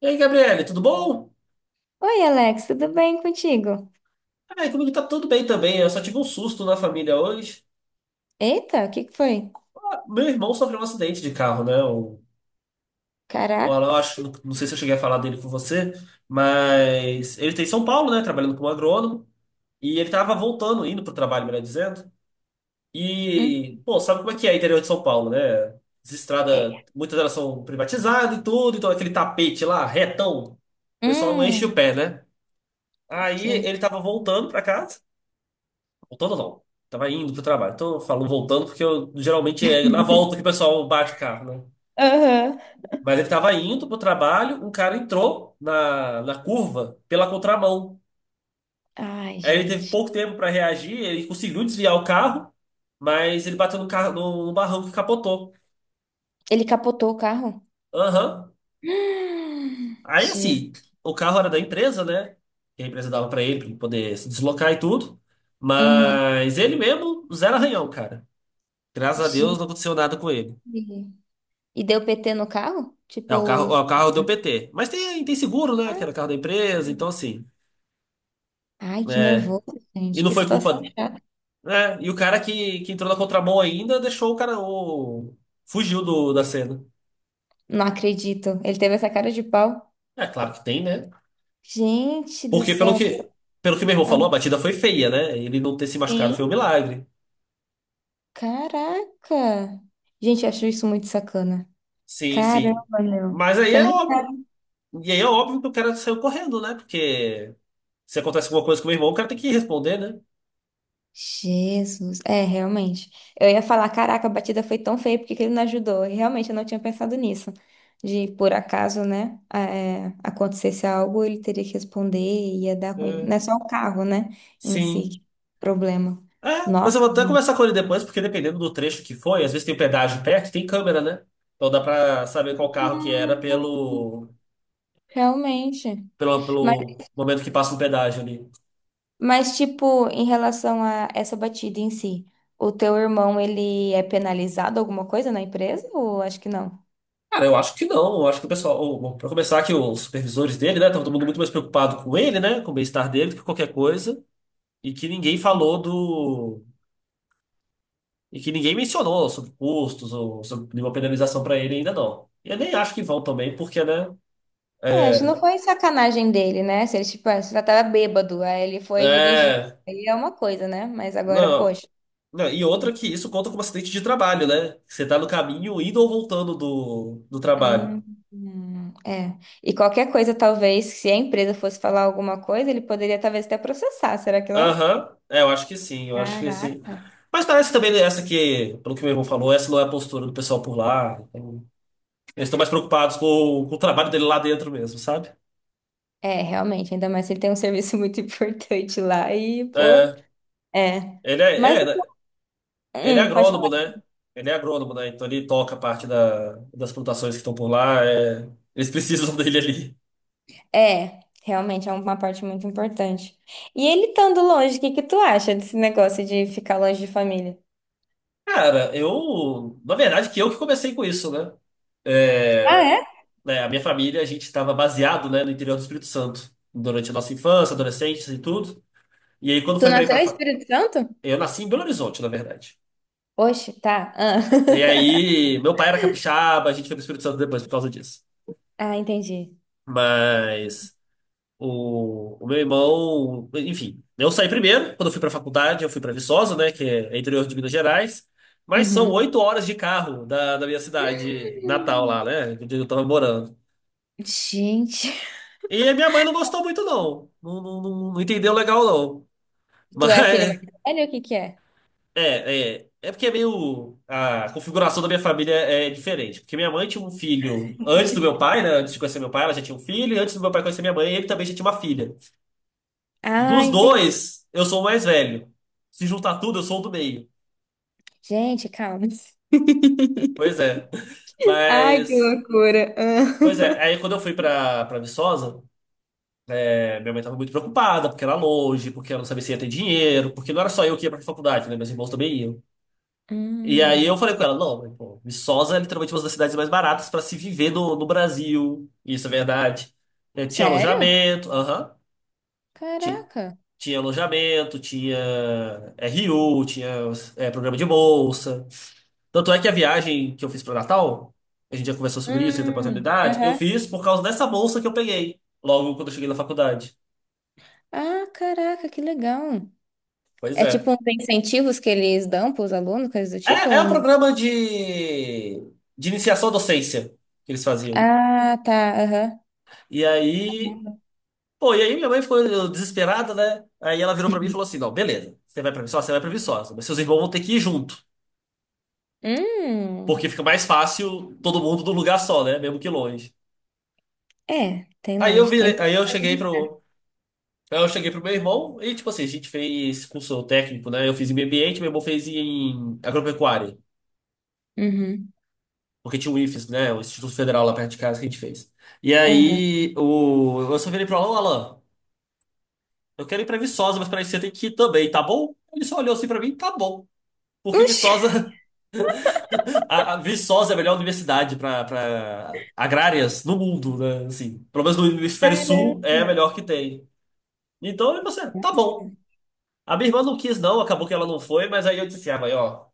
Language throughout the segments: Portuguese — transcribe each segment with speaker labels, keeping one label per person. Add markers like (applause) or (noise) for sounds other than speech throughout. Speaker 1: E aí, Gabriele, tudo bom?
Speaker 2: Oi, Alex, tudo bem contigo?
Speaker 1: Ai, comigo tá tudo bem também. Eu só tive um susto na família hoje.
Speaker 2: Eita, o que que foi?
Speaker 1: Ah, meu irmão sofreu um acidente de carro, né? Eu
Speaker 2: Caraca.
Speaker 1: acho, não sei se eu cheguei a falar dele com você, mas ele tá em São Paulo, né? Trabalhando como agrônomo. E ele tava voltando, indo pro trabalho, melhor dizendo.
Speaker 2: Hum,
Speaker 1: E, pô, sabe como é que é o interior de São Paulo, né? As estradas,
Speaker 2: é.
Speaker 1: muitas delas são privatizadas e tudo, então aquele tapete lá, retão, o pessoal não enche o
Speaker 2: Hum,
Speaker 1: pé, né? Aí
Speaker 2: sei.
Speaker 1: ele tava voltando pra casa. Voltando não. Tava indo pro trabalho. Então eu falo voltando porque eu, geralmente, é na
Speaker 2: (laughs)
Speaker 1: volta que o pessoal bate o carro, né?
Speaker 2: Aham.
Speaker 1: Mas ele tava indo pro trabalho, um cara entrou na curva pela contramão.
Speaker 2: Ai,
Speaker 1: Aí ele teve
Speaker 2: gente.
Speaker 1: pouco tempo para reagir, ele conseguiu desviar o carro, mas ele bateu no carro no barranco e capotou.
Speaker 2: Ele capotou o carro?
Speaker 1: Aham.
Speaker 2: (gasps)
Speaker 1: Aí
Speaker 2: Jesus.
Speaker 1: assim, o carro era da empresa, né? Que a empresa dava para ele, pra ele poder se deslocar e tudo.
Speaker 2: Uhum.
Speaker 1: Mas ele mesmo, zero arranhão, cara. Graças a Deus
Speaker 2: Gente.
Speaker 1: não aconteceu nada com ele.
Speaker 2: E deu PT no carro? Tipo,
Speaker 1: É
Speaker 2: os-
Speaker 1: o carro deu PT. Mas tem seguro, né? Que era o carro da empresa, então assim.
Speaker 2: ai, que
Speaker 1: É,
Speaker 2: nervoso,
Speaker 1: e
Speaker 2: gente.
Speaker 1: não
Speaker 2: Que
Speaker 1: foi
Speaker 2: situação.
Speaker 1: culpa, né? E o cara que entrou na contramão ainda deixou o cara. Fugiu do, da cena.
Speaker 2: Não acredito. Ele teve essa cara de pau.
Speaker 1: É claro que tem, né?
Speaker 2: Gente do
Speaker 1: Porque pelo
Speaker 2: céu.
Speaker 1: que, pelo que meu irmão
Speaker 2: Ah,
Speaker 1: falou, a batida foi feia, né? Ele não ter se machucado foi um
Speaker 2: sim,
Speaker 1: milagre.
Speaker 2: caraca. Gente, eu acho isso muito sacana.
Speaker 1: Sim,
Speaker 2: Caramba,
Speaker 1: sim.
Speaker 2: meu.
Speaker 1: Mas aí
Speaker 2: Você
Speaker 1: é
Speaker 2: nem
Speaker 1: óbvio.
Speaker 2: sabe.
Speaker 1: E aí é óbvio que o cara saiu correndo, né? Porque se acontece alguma coisa com o meu irmão, o cara tem que responder, né?
Speaker 2: Jesus. É, realmente. Eu ia falar, caraca, a batida foi tão feia, porque ele não ajudou? E realmente eu não tinha pensado nisso. De, por acaso, né, acontecesse algo, ele teria que responder e ia dar ruim.
Speaker 1: É,
Speaker 2: Não é só o carro, né, em si,
Speaker 1: sim.
Speaker 2: que problema.
Speaker 1: É, mas eu
Speaker 2: Nossa,
Speaker 1: vou até
Speaker 2: gente.
Speaker 1: conversar com ele depois, porque dependendo do trecho que foi, às vezes tem o pedágio perto, tem câmera, né? Então dá pra saber qual carro que era
Speaker 2: Hum,
Speaker 1: pelo,
Speaker 2: Realmente.
Speaker 1: pelo,
Speaker 2: Mas,
Speaker 1: pelo momento que passa no pedágio ali.
Speaker 2: mas, tipo, em relação a essa batida em si, o teu irmão, ele é penalizado alguma coisa na empresa ou acho que não?
Speaker 1: Cara, eu acho que não. Eu acho que o pessoal, pra começar, que os supervisores dele, né? Tava todo mundo muito mais preocupado com ele, né? Com o bem-estar dele do que qualquer coisa. E que ninguém falou do. E que ninguém mencionou sobre custos ou sobre nenhuma penalização pra ele ainda, não. E eu nem acho que vão também, porque, né?
Speaker 2: É, acho que não
Speaker 1: É.
Speaker 2: foi sacanagem dele, né? Se ele, tipo, ah, se já tava bêbado, aí ele foi dirigir.
Speaker 1: É.
Speaker 2: Aí é uma coisa, né? Mas agora,
Speaker 1: Não.
Speaker 2: poxa.
Speaker 1: Não, e outra,
Speaker 2: Hum,
Speaker 1: que isso conta como acidente de trabalho, né? Você tá no caminho indo ou voltando do trabalho.
Speaker 2: é. E qualquer coisa, talvez, se a empresa fosse falar alguma coisa, ele poderia talvez até processar, será que não?
Speaker 1: Aham. É, eu acho que sim, eu acho que sim.
Speaker 2: Caraca.
Speaker 1: Mas parece também essa que, pelo que meu irmão falou, essa não é a postura do pessoal por lá. Então, eles estão mais preocupados com o trabalho dele lá dentro mesmo, sabe?
Speaker 2: É, realmente, ainda mais se ele tem um serviço muito (laughs) importante lá e, pô,
Speaker 1: É,
Speaker 2: é.
Speaker 1: ele é,
Speaker 2: Mas,
Speaker 1: né? Ele é
Speaker 2: pode
Speaker 1: agrônomo,
Speaker 2: falar.
Speaker 1: né? Ele é agrônomo, né? Então ele toca parte da, das plantações que estão por lá. É, eles precisam (laughs) dele ali.
Speaker 2: É, realmente é uma parte muito importante. E ele estando longe, o que que tu acha desse negócio de ficar longe de família?
Speaker 1: Cara, eu. Na verdade, que eu que comecei com isso, né? É,
Speaker 2: Ah,
Speaker 1: né, a minha família, a gente estava baseado, né, no interior do Espírito Santo durante a nossa infância, adolescência e tudo. E aí, quando
Speaker 2: tu
Speaker 1: foi pra ir
Speaker 2: nasceu
Speaker 1: pra,
Speaker 2: em Espírito Santo?
Speaker 1: eu nasci em Belo Horizonte, na verdade.
Speaker 2: Oxe, tá. Ah,
Speaker 1: E
Speaker 2: (laughs)
Speaker 1: aí, meu pai era capixaba, a gente foi pro Espírito Santo depois por causa disso.
Speaker 2: ah, entendi.
Speaker 1: Mas. O meu irmão, enfim, eu saí primeiro. Quando eu fui para a faculdade, eu fui para Viçosa, né, que é interior de Minas Gerais, mas são
Speaker 2: Uhum.
Speaker 1: 8 horas de carro da minha cidade natal lá, né, onde eu tava morando.
Speaker 2: Gente,
Speaker 1: E a minha mãe não gostou muito, não. Não, não, não entendeu legal, não. (laughs)
Speaker 2: tu é a filha mais
Speaker 1: Mas,
Speaker 2: velha? Ou o que que é?
Speaker 1: é porque é meio, a configuração da minha família é diferente, porque minha mãe tinha um filho antes do meu pai, né, antes de conhecer meu pai, ela já tinha um filho, e antes do meu pai conhecer minha mãe, ele também já tinha uma filha.
Speaker 2: Ah,
Speaker 1: Dos
Speaker 2: entendi.
Speaker 1: dois, eu sou o mais velho. Se juntar tudo, eu sou o do meio.
Speaker 2: Gente, calma. (laughs)
Speaker 1: Pois é. (laughs)
Speaker 2: Ai, que
Speaker 1: Mas.
Speaker 2: loucura.
Speaker 1: Pois é,
Speaker 2: (laughs) Ah.
Speaker 1: aí quando eu fui pra, Viçosa, é, minha mãe tava muito preocupada, porque era longe, porque ela não sabia se ia ter dinheiro, porque não era só eu que ia pra faculdade, né? Meus irmãos também iam. E aí
Speaker 2: Hum,
Speaker 1: eu falei com ela, não, mãe, pô, Viçosa é literalmente uma das cidades mais baratas pra se viver no Brasil. Isso é verdade. É, tinha
Speaker 2: sério?
Speaker 1: alojamento, aham. Ti-
Speaker 2: Caraca.
Speaker 1: Tinha alojamento, tinha RU, tinha programa de bolsa. Tanto é que a viagem que eu fiz para Natal, a gente já conversou sobre isso em outra oportunidade, eu
Speaker 2: Aham.
Speaker 1: fiz por causa dessa bolsa que eu peguei logo quando eu cheguei na faculdade.
Speaker 2: Ah, caraca, que legal.
Speaker 1: Pois
Speaker 2: É
Speaker 1: é.
Speaker 2: tipo uns incentivos que eles dão para os alunos, coisas do tipo?
Speaker 1: É, é
Speaker 2: Ou
Speaker 1: um
Speaker 2: não?
Speaker 1: programa de iniciação à docência que eles faziam.
Speaker 2: Ah, tá. Aham.
Speaker 1: E aí, pô, e aí minha mãe ficou desesperada, né? Aí ela virou pra mim e falou assim: não, beleza, você vai pra Viçosa, você vai pra Viçosa, mas seus irmãos vão ter que ir junto, porque
Speaker 2: Hum.
Speaker 1: fica mais fácil todo mundo num lugar só, né? Mesmo que longe.
Speaker 2: É, tem
Speaker 1: Aí eu
Speaker 2: lógica.
Speaker 1: virei,
Speaker 2: Ainda
Speaker 1: aí eu
Speaker 2: mais
Speaker 1: cheguei para
Speaker 2: transitar.
Speaker 1: Aí eu cheguei pro meu irmão e, tipo assim, a gente fez curso técnico, né? Eu fiz em meio ambiente, meu irmão fez em agropecuária,
Speaker 2: Uhum.
Speaker 1: porque tinha o IFES, né? O Instituto Federal lá perto de casa que a gente fez. E
Speaker 2: Aham.
Speaker 1: aí eu só virei pro Alan. Alan, eu quero ir pra Viçosa, mas pra isso você tem que ir também, tá bom? Ele só olhou assim pra mim, tá bom. Porque
Speaker 2: Oxi!
Speaker 1: Viçosa, (laughs) a Viçosa é a melhor universidade pra, agrárias no mundo, né? Assim, pelo menos no hemisfério sul é a
Speaker 2: Caramba!
Speaker 1: melhor que tem. Então, e você, tá bom. A minha irmã não quis, não, acabou que ela não foi, mas aí eu disse assim, ah, mãe, ó.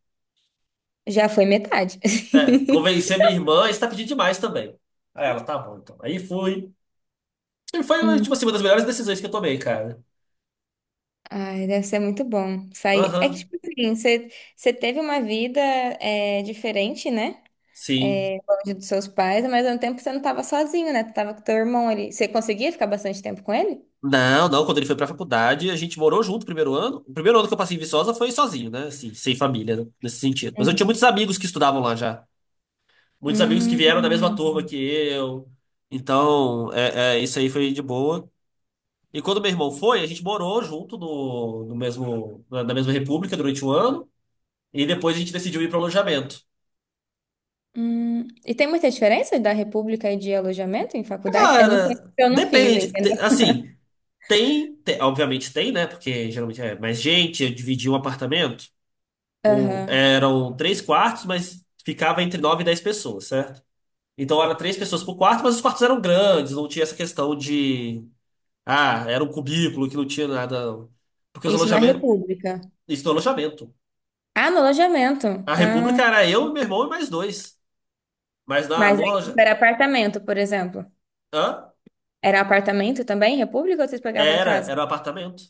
Speaker 2: Já foi metade. (laughs)
Speaker 1: Convencer minha irmã, isso tá pedindo demais também. Aí ela, tá bom, então. Aí fui. E foi, tipo
Speaker 2: Hum.
Speaker 1: assim, uma das melhores decisões que eu tomei, cara.
Speaker 2: Ai, deve ser muito bom sair. É que,
Speaker 1: Aham,
Speaker 2: tipo assim, você, você teve uma vida diferente, né?
Speaker 1: sim.
Speaker 2: É, longe dos seus pais, mas ao mesmo tempo você não estava sozinho, né? Tu tava com teu irmão ali. Você conseguia ficar bastante tempo com ele?
Speaker 1: Não, não, quando ele foi pra faculdade, a gente morou junto o primeiro ano. O primeiro ano que eu passei em Viçosa foi sozinho, né? Assim, sem família, né, nesse sentido. Mas eu tinha
Speaker 2: Uhum.
Speaker 1: muitos amigos que estudavam lá já. Muitos amigos que vieram da mesma
Speaker 2: Hum,
Speaker 1: turma que eu. Então, isso aí foi de boa. E quando meu irmão foi, a gente morou junto no mesmo, na mesma república durante um ano. E depois a gente decidiu ir para o alojamento.
Speaker 2: E tem muita diferença da república e de alojamento em faculdade? Eu não sei,
Speaker 1: Cara,
Speaker 2: porque eu não fiz,
Speaker 1: depende.
Speaker 2: entendeu?
Speaker 1: Assim, tem, obviamente tem, né? Porque geralmente é mais gente. Eu dividi um apartamento com, eram três quartos, mas ficava entre nove e dez pessoas, certo? Então era três pessoas por quarto, mas os quartos eram grandes, não tinha essa questão de, ah, era um cubículo que não tinha nada, não. Porque os
Speaker 2: Isso na
Speaker 1: alojamentos,
Speaker 2: República.
Speaker 1: isso no alojamento.
Speaker 2: Ah, no alojamento.
Speaker 1: A
Speaker 2: Ah,
Speaker 1: república era eu, meu irmão e mais dois. Mas na,
Speaker 2: mas
Speaker 1: no,
Speaker 2: aí tipo,
Speaker 1: aloja-
Speaker 2: era apartamento, por exemplo.
Speaker 1: hã?
Speaker 2: Era apartamento também, República, ou vocês pegavam
Speaker 1: Era,
Speaker 2: casa?
Speaker 1: era um apartamento.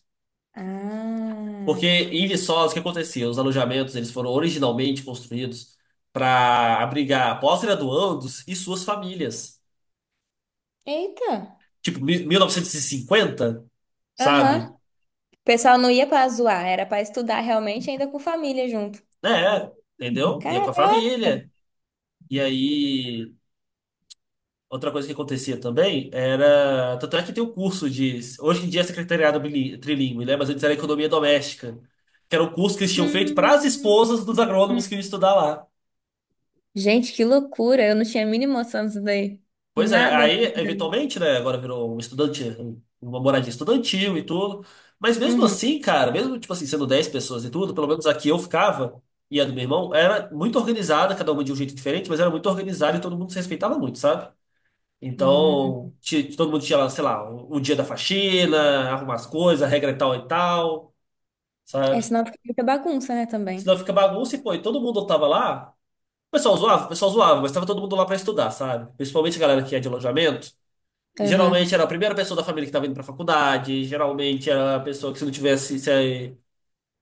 Speaker 1: Porque
Speaker 2: Ah.
Speaker 1: em Viçosa, o que acontecia? Os alojamentos eles foram originalmente construídos para abrigar pós-graduandos e suas famílias.
Speaker 2: Eita.
Speaker 1: Tipo, 1950,
Speaker 2: Aham.
Speaker 1: sabe?
Speaker 2: O pessoal não ia pra zoar, era pra estudar realmente, ainda com família junto.
Speaker 1: É, entendeu? Ia com a
Speaker 2: Caraca.
Speaker 1: família. E aí, outra coisa que acontecia também era. Tanto é que tem um curso de. Hoje em dia é secretariado trilingue, né? Mas antes era economia doméstica, que era o curso que eles tinham feito para as
Speaker 2: Hum.
Speaker 1: esposas dos agrônomos que iam estudar lá.
Speaker 2: Gente, que loucura. Eu não tinha a mínima noção disso daí.
Speaker 1: Pois é,
Speaker 2: Nada.
Speaker 1: aí eventualmente, né, agora virou um estudante, um, uma moradia estudantil e tudo. Mas mesmo
Speaker 2: Uhum.
Speaker 1: assim, cara, mesmo tipo assim, sendo 10 pessoas e tudo, pelo menos aqui eu ficava e a do meu irmão era muito organizada, cada uma de um jeito diferente, mas era muito organizada e todo mundo se respeitava muito, sabe?
Speaker 2: Hum.
Speaker 1: Então, todo mundo tinha lá, sei lá, o dia da faxina, arrumar as coisas, a regra é tal e tal,
Speaker 2: É,
Speaker 1: sabe?
Speaker 2: senão fica muita bagunça, né,
Speaker 1: Senão
Speaker 2: também.
Speaker 1: fica bagunça e pô, e todo mundo tava lá. O pessoal zoava, mas tava todo mundo lá pra estudar, sabe? Principalmente a galera que é de alojamento. Geralmente
Speaker 2: Aham.
Speaker 1: era a primeira pessoa da família que estava indo para a faculdade, geralmente era a pessoa que se não tivesse, se eh,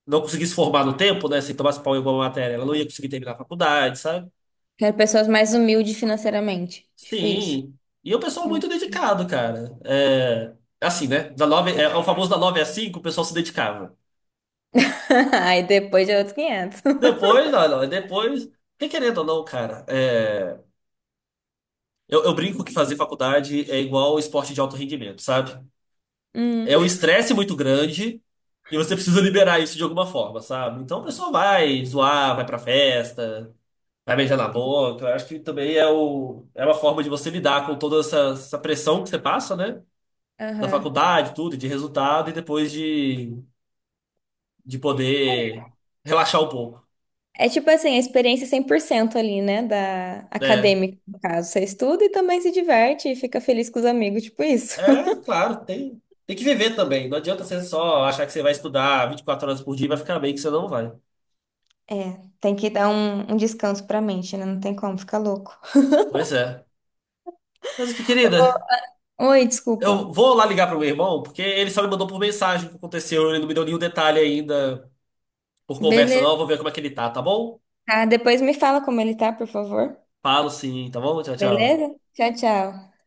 Speaker 1: não conseguisse formar no tempo, né, se tomasse pau em alguma matéria, ela não ia conseguir terminar a faculdade, sabe?
Speaker 2: Quero pessoas mais humildes financeiramente. Tipo isso.
Speaker 1: Sim. E o pessoal
Speaker 2: Hum.
Speaker 1: muito dedicado, cara. É, assim, né? O famoso da 9 às 5, o pessoal se dedicava.
Speaker 2: (laughs) Aí depois de outros 500.
Speaker 1: Depois, não, não, depois, porque querendo ou não, cara, eu brinco que fazer faculdade é igual esporte de alto rendimento, sabe?
Speaker 2: Hum,
Speaker 1: É um estresse muito grande e você precisa liberar isso de alguma forma, sabe? Então a pessoa vai zoar, vai pra festa, vai beijar na boca. Eu acho que também é uma forma de você lidar com toda essa pressão que você passa, né? Da
Speaker 2: aham.
Speaker 1: faculdade, tudo, de resultado, e depois de, poder relaxar um pouco,
Speaker 2: É tipo assim, a experiência 100% ali, né? Da
Speaker 1: né?
Speaker 2: acadêmica, no caso. Você estuda e também se diverte e fica feliz com os amigos, tipo isso.
Speaker 1: É,
Speaker 2: (laughs)
Speaker 1: claro, tem que viver também. Não adianta você só achar que você vai estudar 24 horas por dia e vai ficar bem que você não vai.
Speaker 2: É, tem que dar um, um descanso pra mente, né? Não tem como ficar louco.
Speaker 1: Pois é. Mas aqui, querida.
Speaker 2: Ô, oi, desculpa.
Speaker 1: Eu vou lá ligar pro meu irmão, porque ele só me mandou por mensagem o que aconteceu, ele não me deu nenhum detalhe ainda por conversa, não. Eu
Speaker 2: Beleza,
Speaker 1: vou ver como é que ele tá, tá bom?
Speaker 2: tá? Depois me fala como ele tá, por favor.
Speaker 1: Falo sim, tá bom? Tchau, tchau.
Speaker 2: Beleza? Tchau, tchau.